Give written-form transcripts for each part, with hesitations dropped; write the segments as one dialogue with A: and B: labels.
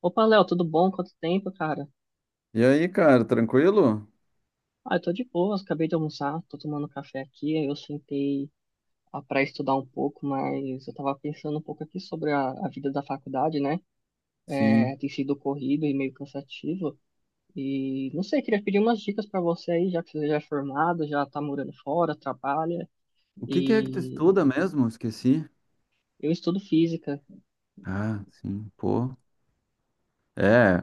A: Opa, Léo, tudo bom? Quanto tempo, cara?
B: E aí, cara, tranquilo?
A: Ah, eu tô de boa. Acabei de almoçar, tô tomando café aqui, aí eu sentei pra estudar um pouco, mas eu tava pensando um pouco aqui sobre a vida da faculdade, né?
B: Sim.
A: É, tem sido corrido e meio cansativo, e não sei, queria pedir umas dicas pra você aí, já que você já é formado, já tá morando fora, trabalha,
B: O que que é que tu
A: e
B: estuda mesmo? Esqueci.
A: eu estudo física.
B: Ah, sim, pô. É,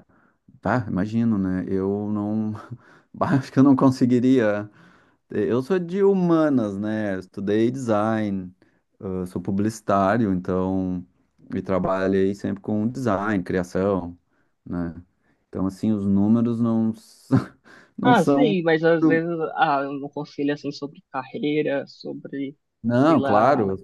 B: tá, imagino, né? Eu não. Bah, acho que eu não conseguiria. Eu sou de humanas, né? Estudei design, sou publicitário, então. E trabalhei sempre com design, criação, né? Então, assim, os números não, não
A: Ah,
B: são.
A: sei, mas às vezes, um conselho assim sobre carreira, sobre, sei
B: Não,
A: lá.
B: claro.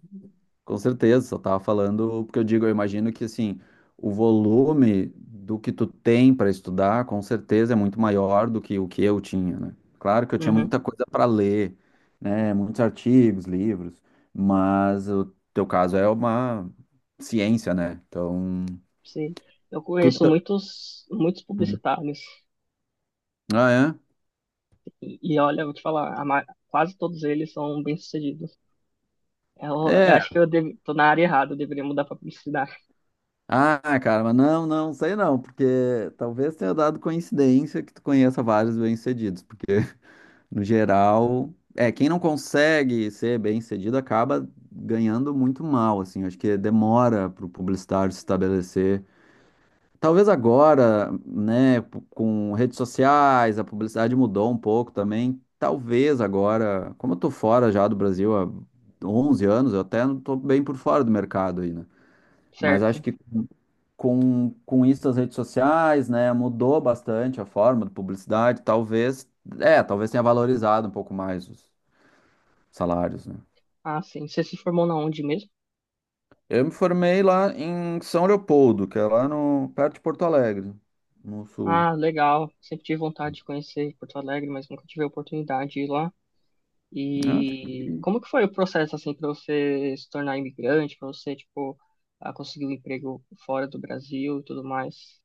B: Com certeza, só tava falando, porque eu digo, eu imagino que assim, o volume do que tu tem para estudar, com certeza é muito maior do que o que eu tinha, né? Claro que eu tinha
A: Uhum.
B: muita coisa para ler, né? Muitos artigos, livros, mas o teu caso é uma ciência, né? Então,
A: Sim. Eu
B: tu
A: conheço
B: tá-
A: muitos publicitários
B: ah,
A: e olha, eu vou te falar, a quase todos eles são bem-sucedidos. Eu, eu
B: é?
A: acho que
B: É.
A: tô na área errada, eu deveria mudar para publicidade,
B: Ah, cara, mas não, não, sei não, porque talvez tenha dado coincidência que tu conheça vários bem-sucedidos, porque. No geral, quem não consegue ser bem-sucedido acaba ganhando muito mal, assim. Acho que demora para o publicitário se estabelecer. Talvez agora, né, com redes sociais, a publicidade mudou um pouco também. Talvez agora, como eu tô fora já do Brasil há 11 anos, eu até não tô bem por fora do mercado aí, né? Mas acho
A: certo?
B: que com isso as redes sociais, né, mudou bastante a forma de publicidade, talvez tenha valorizado um pouco mais os salários, né?
A: Ah, sim. Você se formou na onde mesmo?
B: Eu me formei lá em São Leopoldo, que é lá no, perto de Porto Alegre, no sul.
A: Ah, legal. Sempre tive vontade de conhecer Porto Alegre, mas nunca tive a oportunidade de ir lá.
B: Ah, tá.
A: E como que foi o processo assim para você se tornar imigrante, para você conseguir um emprego fora do Brasil e tudo mais,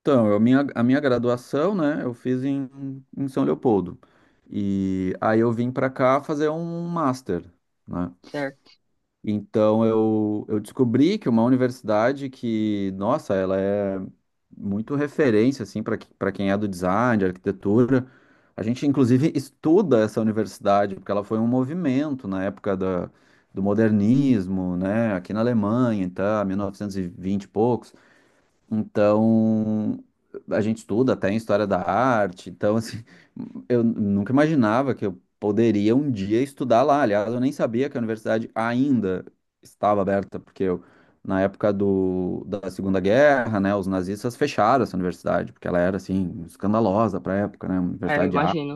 B: Então, a minha graduação, né, eu fiz em São Leopoldo. E aí eu vim pra cá fazer um master, né?
A: certo?
B: Então eu descobri que uma universidade que, nossa, ela é muito referência assim para quem é do design, de arquitetura. A gente inclusive estuda essa universidade porque ela foi um movimento na época da, do modernismo, né, aqui na Alemanha, então, 1920 e vinte e poucos, então, a gente estuda até em história da arte, então, assim, eu nunca imaginava que eu poderia um dia estudar lá. Aliás, eu nem sabia que a universidade ainda estava aberta, porque eu, na época da Segunda Guerra, né, os nazistas fecharam essa universidade, porque ela era, assim, escandalosa para a época, né, uma
A: É, eu
B: universidade de arte.
A: imagino,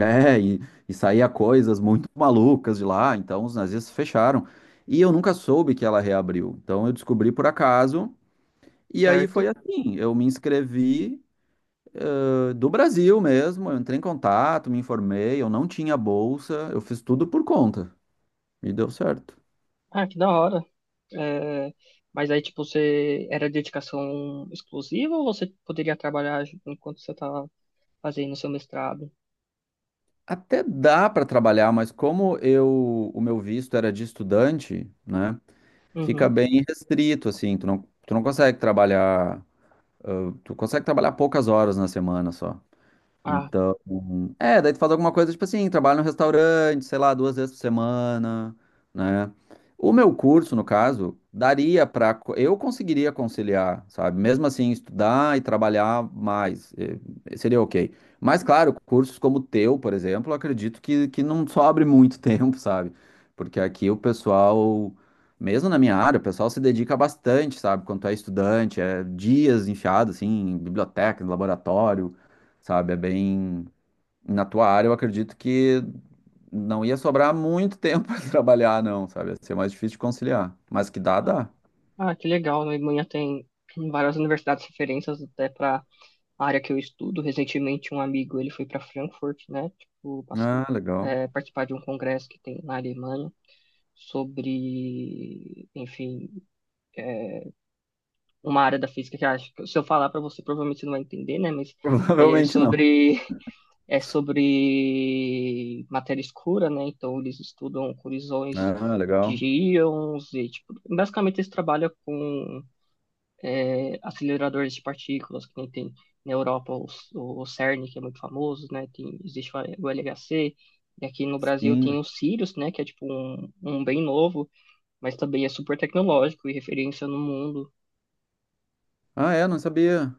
B: É, e saía coisas muito malucas de lá, então os nazistas fecharam. E eu nunca soube que ela reabriu. Então eu descobri por acaso e aí
A: certo?
B: foi assim, eu me inscrevi, do Brasil mesmo, eu entrei em contato, me informei, eu não tinha bolsa, eu fiz tudo por conta e deu certo.
A: Ah, que da hora. É, mas aí, tipo, você era dedicação exclusiva ou você poderia trabalhar enquanto você estava fazendo seu mestrado?
B: Até dá para trabalhar, mas como eu, o meu visto era de estudante, né, fica
A: Uhum.
B: bem restrito assim, tu não consegue trabalhar, eh, tu consegue trabalhar poucas horas na semana só.
A: Ah,
B: Então, é, daí tu faz alguma coisa, tipo assim, trabalha no restaurante, sei lá, 2 vezes por semana, né? O meu curso, no caso, daria pra. Eu conseguiria conciliar, sabe? Mesmo assim, estudar e trabalhar mais, seria ok. Mas, claro, cursos como o teu, por exemplo, eu acredito que não sobre muito tempo, sabe? Porque aqui o pessoal, mesmo na minha área, o pessoal se dedica bastante, sabe? Quando tu é estudante, é dias enfiado, assim, em bibliotecas, laboratório sabe? É bem. Na tua área, eu acredito que não ia sobrar muito tempo para trabalhar, não, sabe? Ia ser mais difícil de conciliar. Mas que dá,
A: ah,
B: dá.
A: que legal. Na Alemanha tem várias universidades referências até para a área que eu estudo. Recentemente, um amigo, ele foi para Frankfurt, né?
B: Ah, legal.
A: Participar de um congresso que tem na Alemanha sobre, enfim, uma área da física que eu acho que se eu falar para você, provavelmente você não vai entender, né? Mas é
B: Provavelmente não.
A: sobre é sobre matéria escura, né? Então eles estudam colisões
B: Ah,
A: de
B: legal.
A: íons e tipo, basicamente eles trabalham com aceleradores de partículas que nem tem na Europa o CERN que é muito famoso, né? Tem existe o LHC e aqui no Brasil tem
B: Sim.
A: o Sirius, né? Que é tipo um bem novo, mas também é super tecnológico e referência no mundo.
B: Ah, é, não sabia.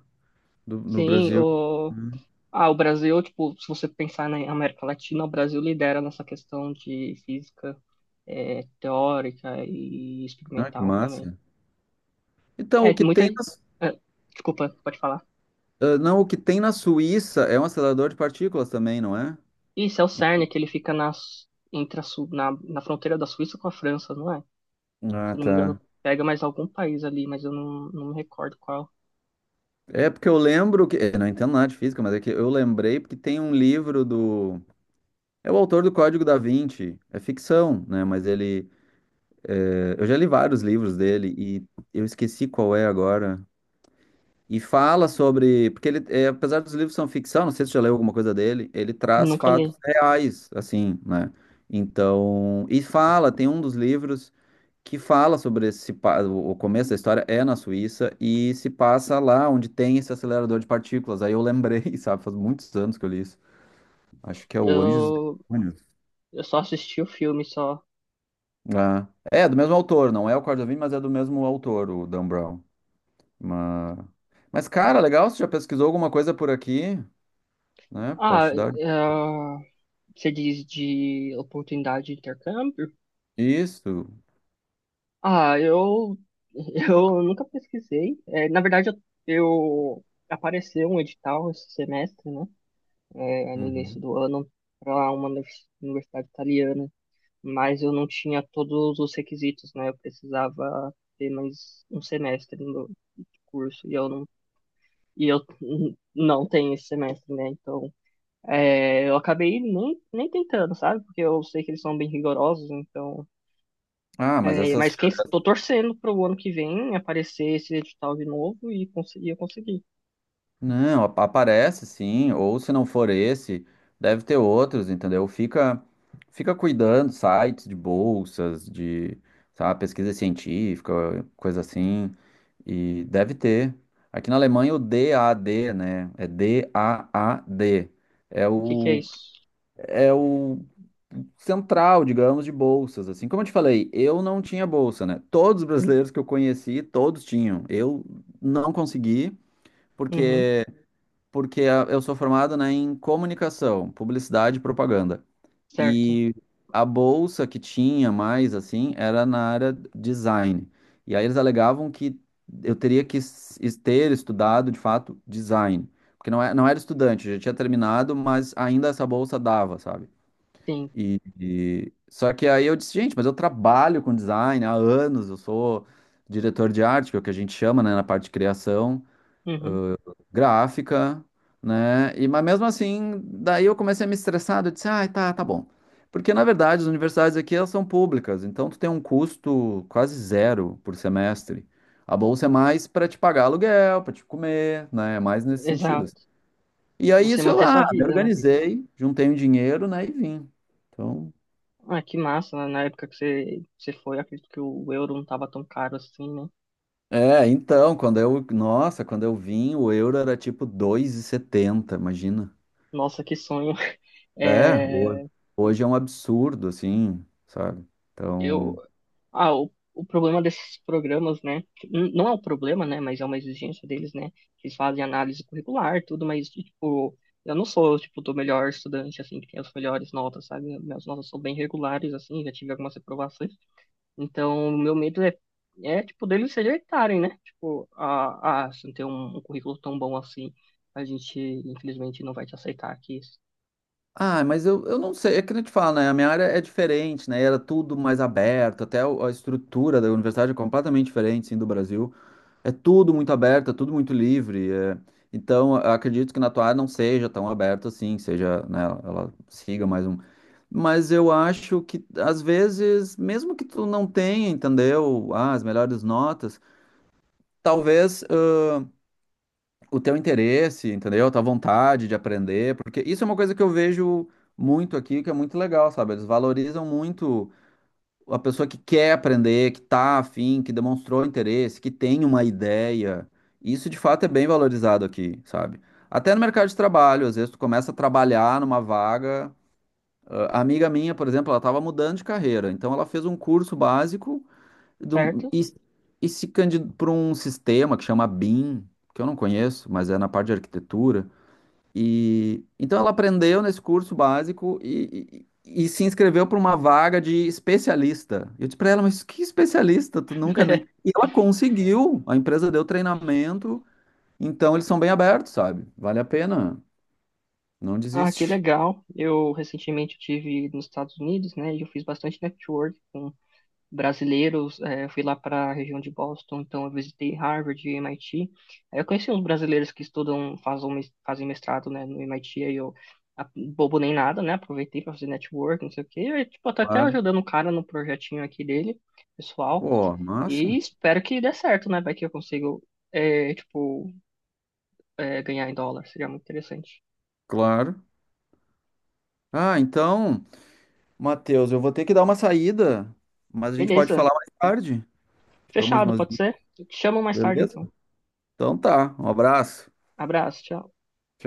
B: Do, no
A: Sim,
B: Brasil.
A: o
B: Hum.
A: o Brasil, tipo, se você pensar na América Latina, o Brasil lidera nessa questão de física teórica e
B: Ah, que
A: experimental também.
B: massa. Então,
A: É,
B: o que
A: muita.
B: tem
A: é, desculpa, pode falar.
B: ah, não, o que tem na Suíça é um acelerador de partículas também, não é?
A: Isso é o CERN, que ele fica nas, entre a Su- na, na fronteira da Suíça com a França, não é?
B: Ah,
A: Se eu não me
B: tá.
A: engano, pega mais algum país ali, mas eu não, não me recordo qual.
B: É porque eu lembro que. Eu não entendo nada de física, mas é que eu lembrei porque tem um livro do. É o autor do Código da Vinci, é ficção, né? Mas ele, eu já li vários livros dele e eu esqueci qual é agora. E fala sobre, porque ele, apesar dos livros são ficção, não sei se você já leu alguma coisa dele, ele traz
A: Nunca li.
B: fatos reais, assim, né? Então, e fala, tem um dos livros que fala sobre esse, o começo da história é na Suíça e se passa lá onde tem esse acelerador de partículas. Aí eu lembrei, sabe? Faz muitos anos que eu li isso. Acho que é o Anjos e
A: Eu,
B: Demônios.
A: eu só assisti o filme, só.
B: Ah. É, é do mesmo autor, não é o Corda Vinci, mas é do mesmo autor, o Dan Brown. Mas, mas cara, legal, você já pesquisou alguma coisa por aqui, né? Posso
A: Ah,
B: te dar
A: é, você diz de oportunidade de intercâmbio?
B: isso.
A: Ah, eu, eu nunca pesquisei. É, na verdade, eu- apareceu um edital esse semestre, né? É, no
B: Uhum.
A: início do ano, para uma universidade italiana, mas eu não tinha todos os requisitos, né? Eu precisava ter mais um semestre no curso e eu não, e eu n- não tenho esse semestre, né? Então, eu acabei nem tentando, sabe? Porque eu sei que eles são bem rigorosos, então.
B: Ah, mas
A: É,
B: essas.
A: mas quem tô torcendo para o ano que vem aparecer esse edital de novo e eu conseguir.
B: Não, aparece sim, ou se não for esse, deve ter outros, entendeu? Fica, fica cuidando, sites de bolsas, de, sabe, pesquisa científica, coisa assim, e deve ter. Aqui na Alemanha o DAD, né? É DAAD. É
A: O que que é
B: o,
A: isso?
B: é o central, digamos, de bolsas, assim. Como eu te falei, eu não tinha bolsa, né? Todos os brasileiros que eu conheci, todos tinham. Eu não consegui,
A: Uhum,
B: porque porque eu sou formado, né, em comunicação, publicidade e propaganda.
A: certo.
B: E a bolsa que tinha mais, assim, era na área design. E aí eles alegavam que eu teria que ter estudado, de fato, design. Porque não, não era estudante, já tinha terminado, mas ainda essa bolsa dava, sabe?
A: Sim.
B: Só que aí eu disse, gente, mas eu trabalho com design há anos, eu sou diretor de arte, que é o que a gente chama, né, na parte de criação
A: Uhum,
B: gráfica, né? Mas mesmo assim, daí eu comecei a me estressar, eu disse, ah, tá, tá bom. Porque, na verdade, as universidades aqui, elas são públicas, então tu tem um custo quase zero por semestre. A bolsa é mais para te pagar aluguel, para te comer, né? É mais nesse sentido, assim.
A: exato.
B: E
A: Pra
B: aí,
A: você
B: isso eu,
A: manter sua
B: ah, me
A: vida, né?
B: organizei, juntei um dinheiro, né, e vim. Então.
A: Ah, que massa, né? Na época que você foi, acredito que o euro não tava tão caro assim, né?
B: É, então, nossa, quando eu vim, o euro era tipo 2,70, imagina.
A: Nossa, que sonho.
B: É,
A: É,
B: hoje é um absurdo, assim, sabe?
A: eu,
B: Então.
A: ah, o problema desses programas, né? Não é um problema, né? Mas é uma exigência deles, né? Que eles fazem análise curricular, tudo, mas, tipo, eu não sou, tipo, do melhor estudante, assim, que tem as melhores notas, sabe? Minhas notas são bem regulares, assim, já tive algumas reprovações. Então, o meu medo é, é tipo, deles se rejeitarem, né? Tipo, se não tem um currículo tão bom assim, a gente, infelizmente, não vai te aceitar aqui,
B: Ah, mas eu não sei, é que nem eu te falo, né? A minha área é diferente, né? Era tudo mais aberto, até a estrutura da universidade é completamente diferente, sim, do Brasil. É tudo muito aberto, é tudo muito livre. Então, eu acredito que na tua área não seja tão aberto assim, seja, né? Ela siga mais um. Mas eu acho que, às vezes, mesmo que tu não tenha, entendeu? Ah, as melhores notas. Talvez. O teu interesse, entendeu? A tua vontade de aprender, porque isso é uma coisa que eu vejo muito aqui, que é muito legal, sabe? Eles valorizam muito a pessoa que quer aprender, que tá afim, que demonstrou interesse, que tem uma ideia. Isso de fato é bem valorizado aqui, sabe? Até no mercado de trabalho, às vezes tu começa a trabalhar numa vaga. Ah, a amiga minha, por exemplo, ela estava mudando de carreira, então ela fez um curso básico do-
A: certo?
B: e, e se candidato para um sistema que chama BIM, que eu não conheço, mas é na parte de arquitetura. E então ela aprendeu nesse curso básico e se inscreveu para uma vaga de especialista. Eu disse para ela, mas que especialista? Tu nunca nem. E ela conseguiu, a empresa deu treinamento, então eles são bem abertos, sabe? Vale a pena, não
A: Ah, que
B: desiste.
A: legal. Eu recentemente estive nos Estados Unidos, né? E eu fiz bastante network com brasileiros. Eu fui lá para a região de Boston, então eu visitei Harvard e MIT. Aí eu conheci uns brasileiros que estudam, fazem mestrado, né, no MIT. Bobo nem nada, né? Aproveitei para fazer network, não sei o quê. E, tipo, tô até
B: Claro.
A: ajudando o cara no projetinho aqui dele, pessoal.
B: Pô,
A: E
B: massa.
A: espero que dê certo, né? Vai que eu consigo, eh, tipo, ganhar em dólar. Seria muito interessante.
B: Claro. Ah, então. Matheus, eu vou ter que dar uma saída, mas a gente pode
A: Beleza.
B: falar mais tarde. Te dou mais
A: Fechado,
B: umas
A: pode
B: dicas,
A: ser? Eu te chamo mais tarde,
B: beleza?
A: então.
B: Então tá, um abraço.
A: Abraço, tchau.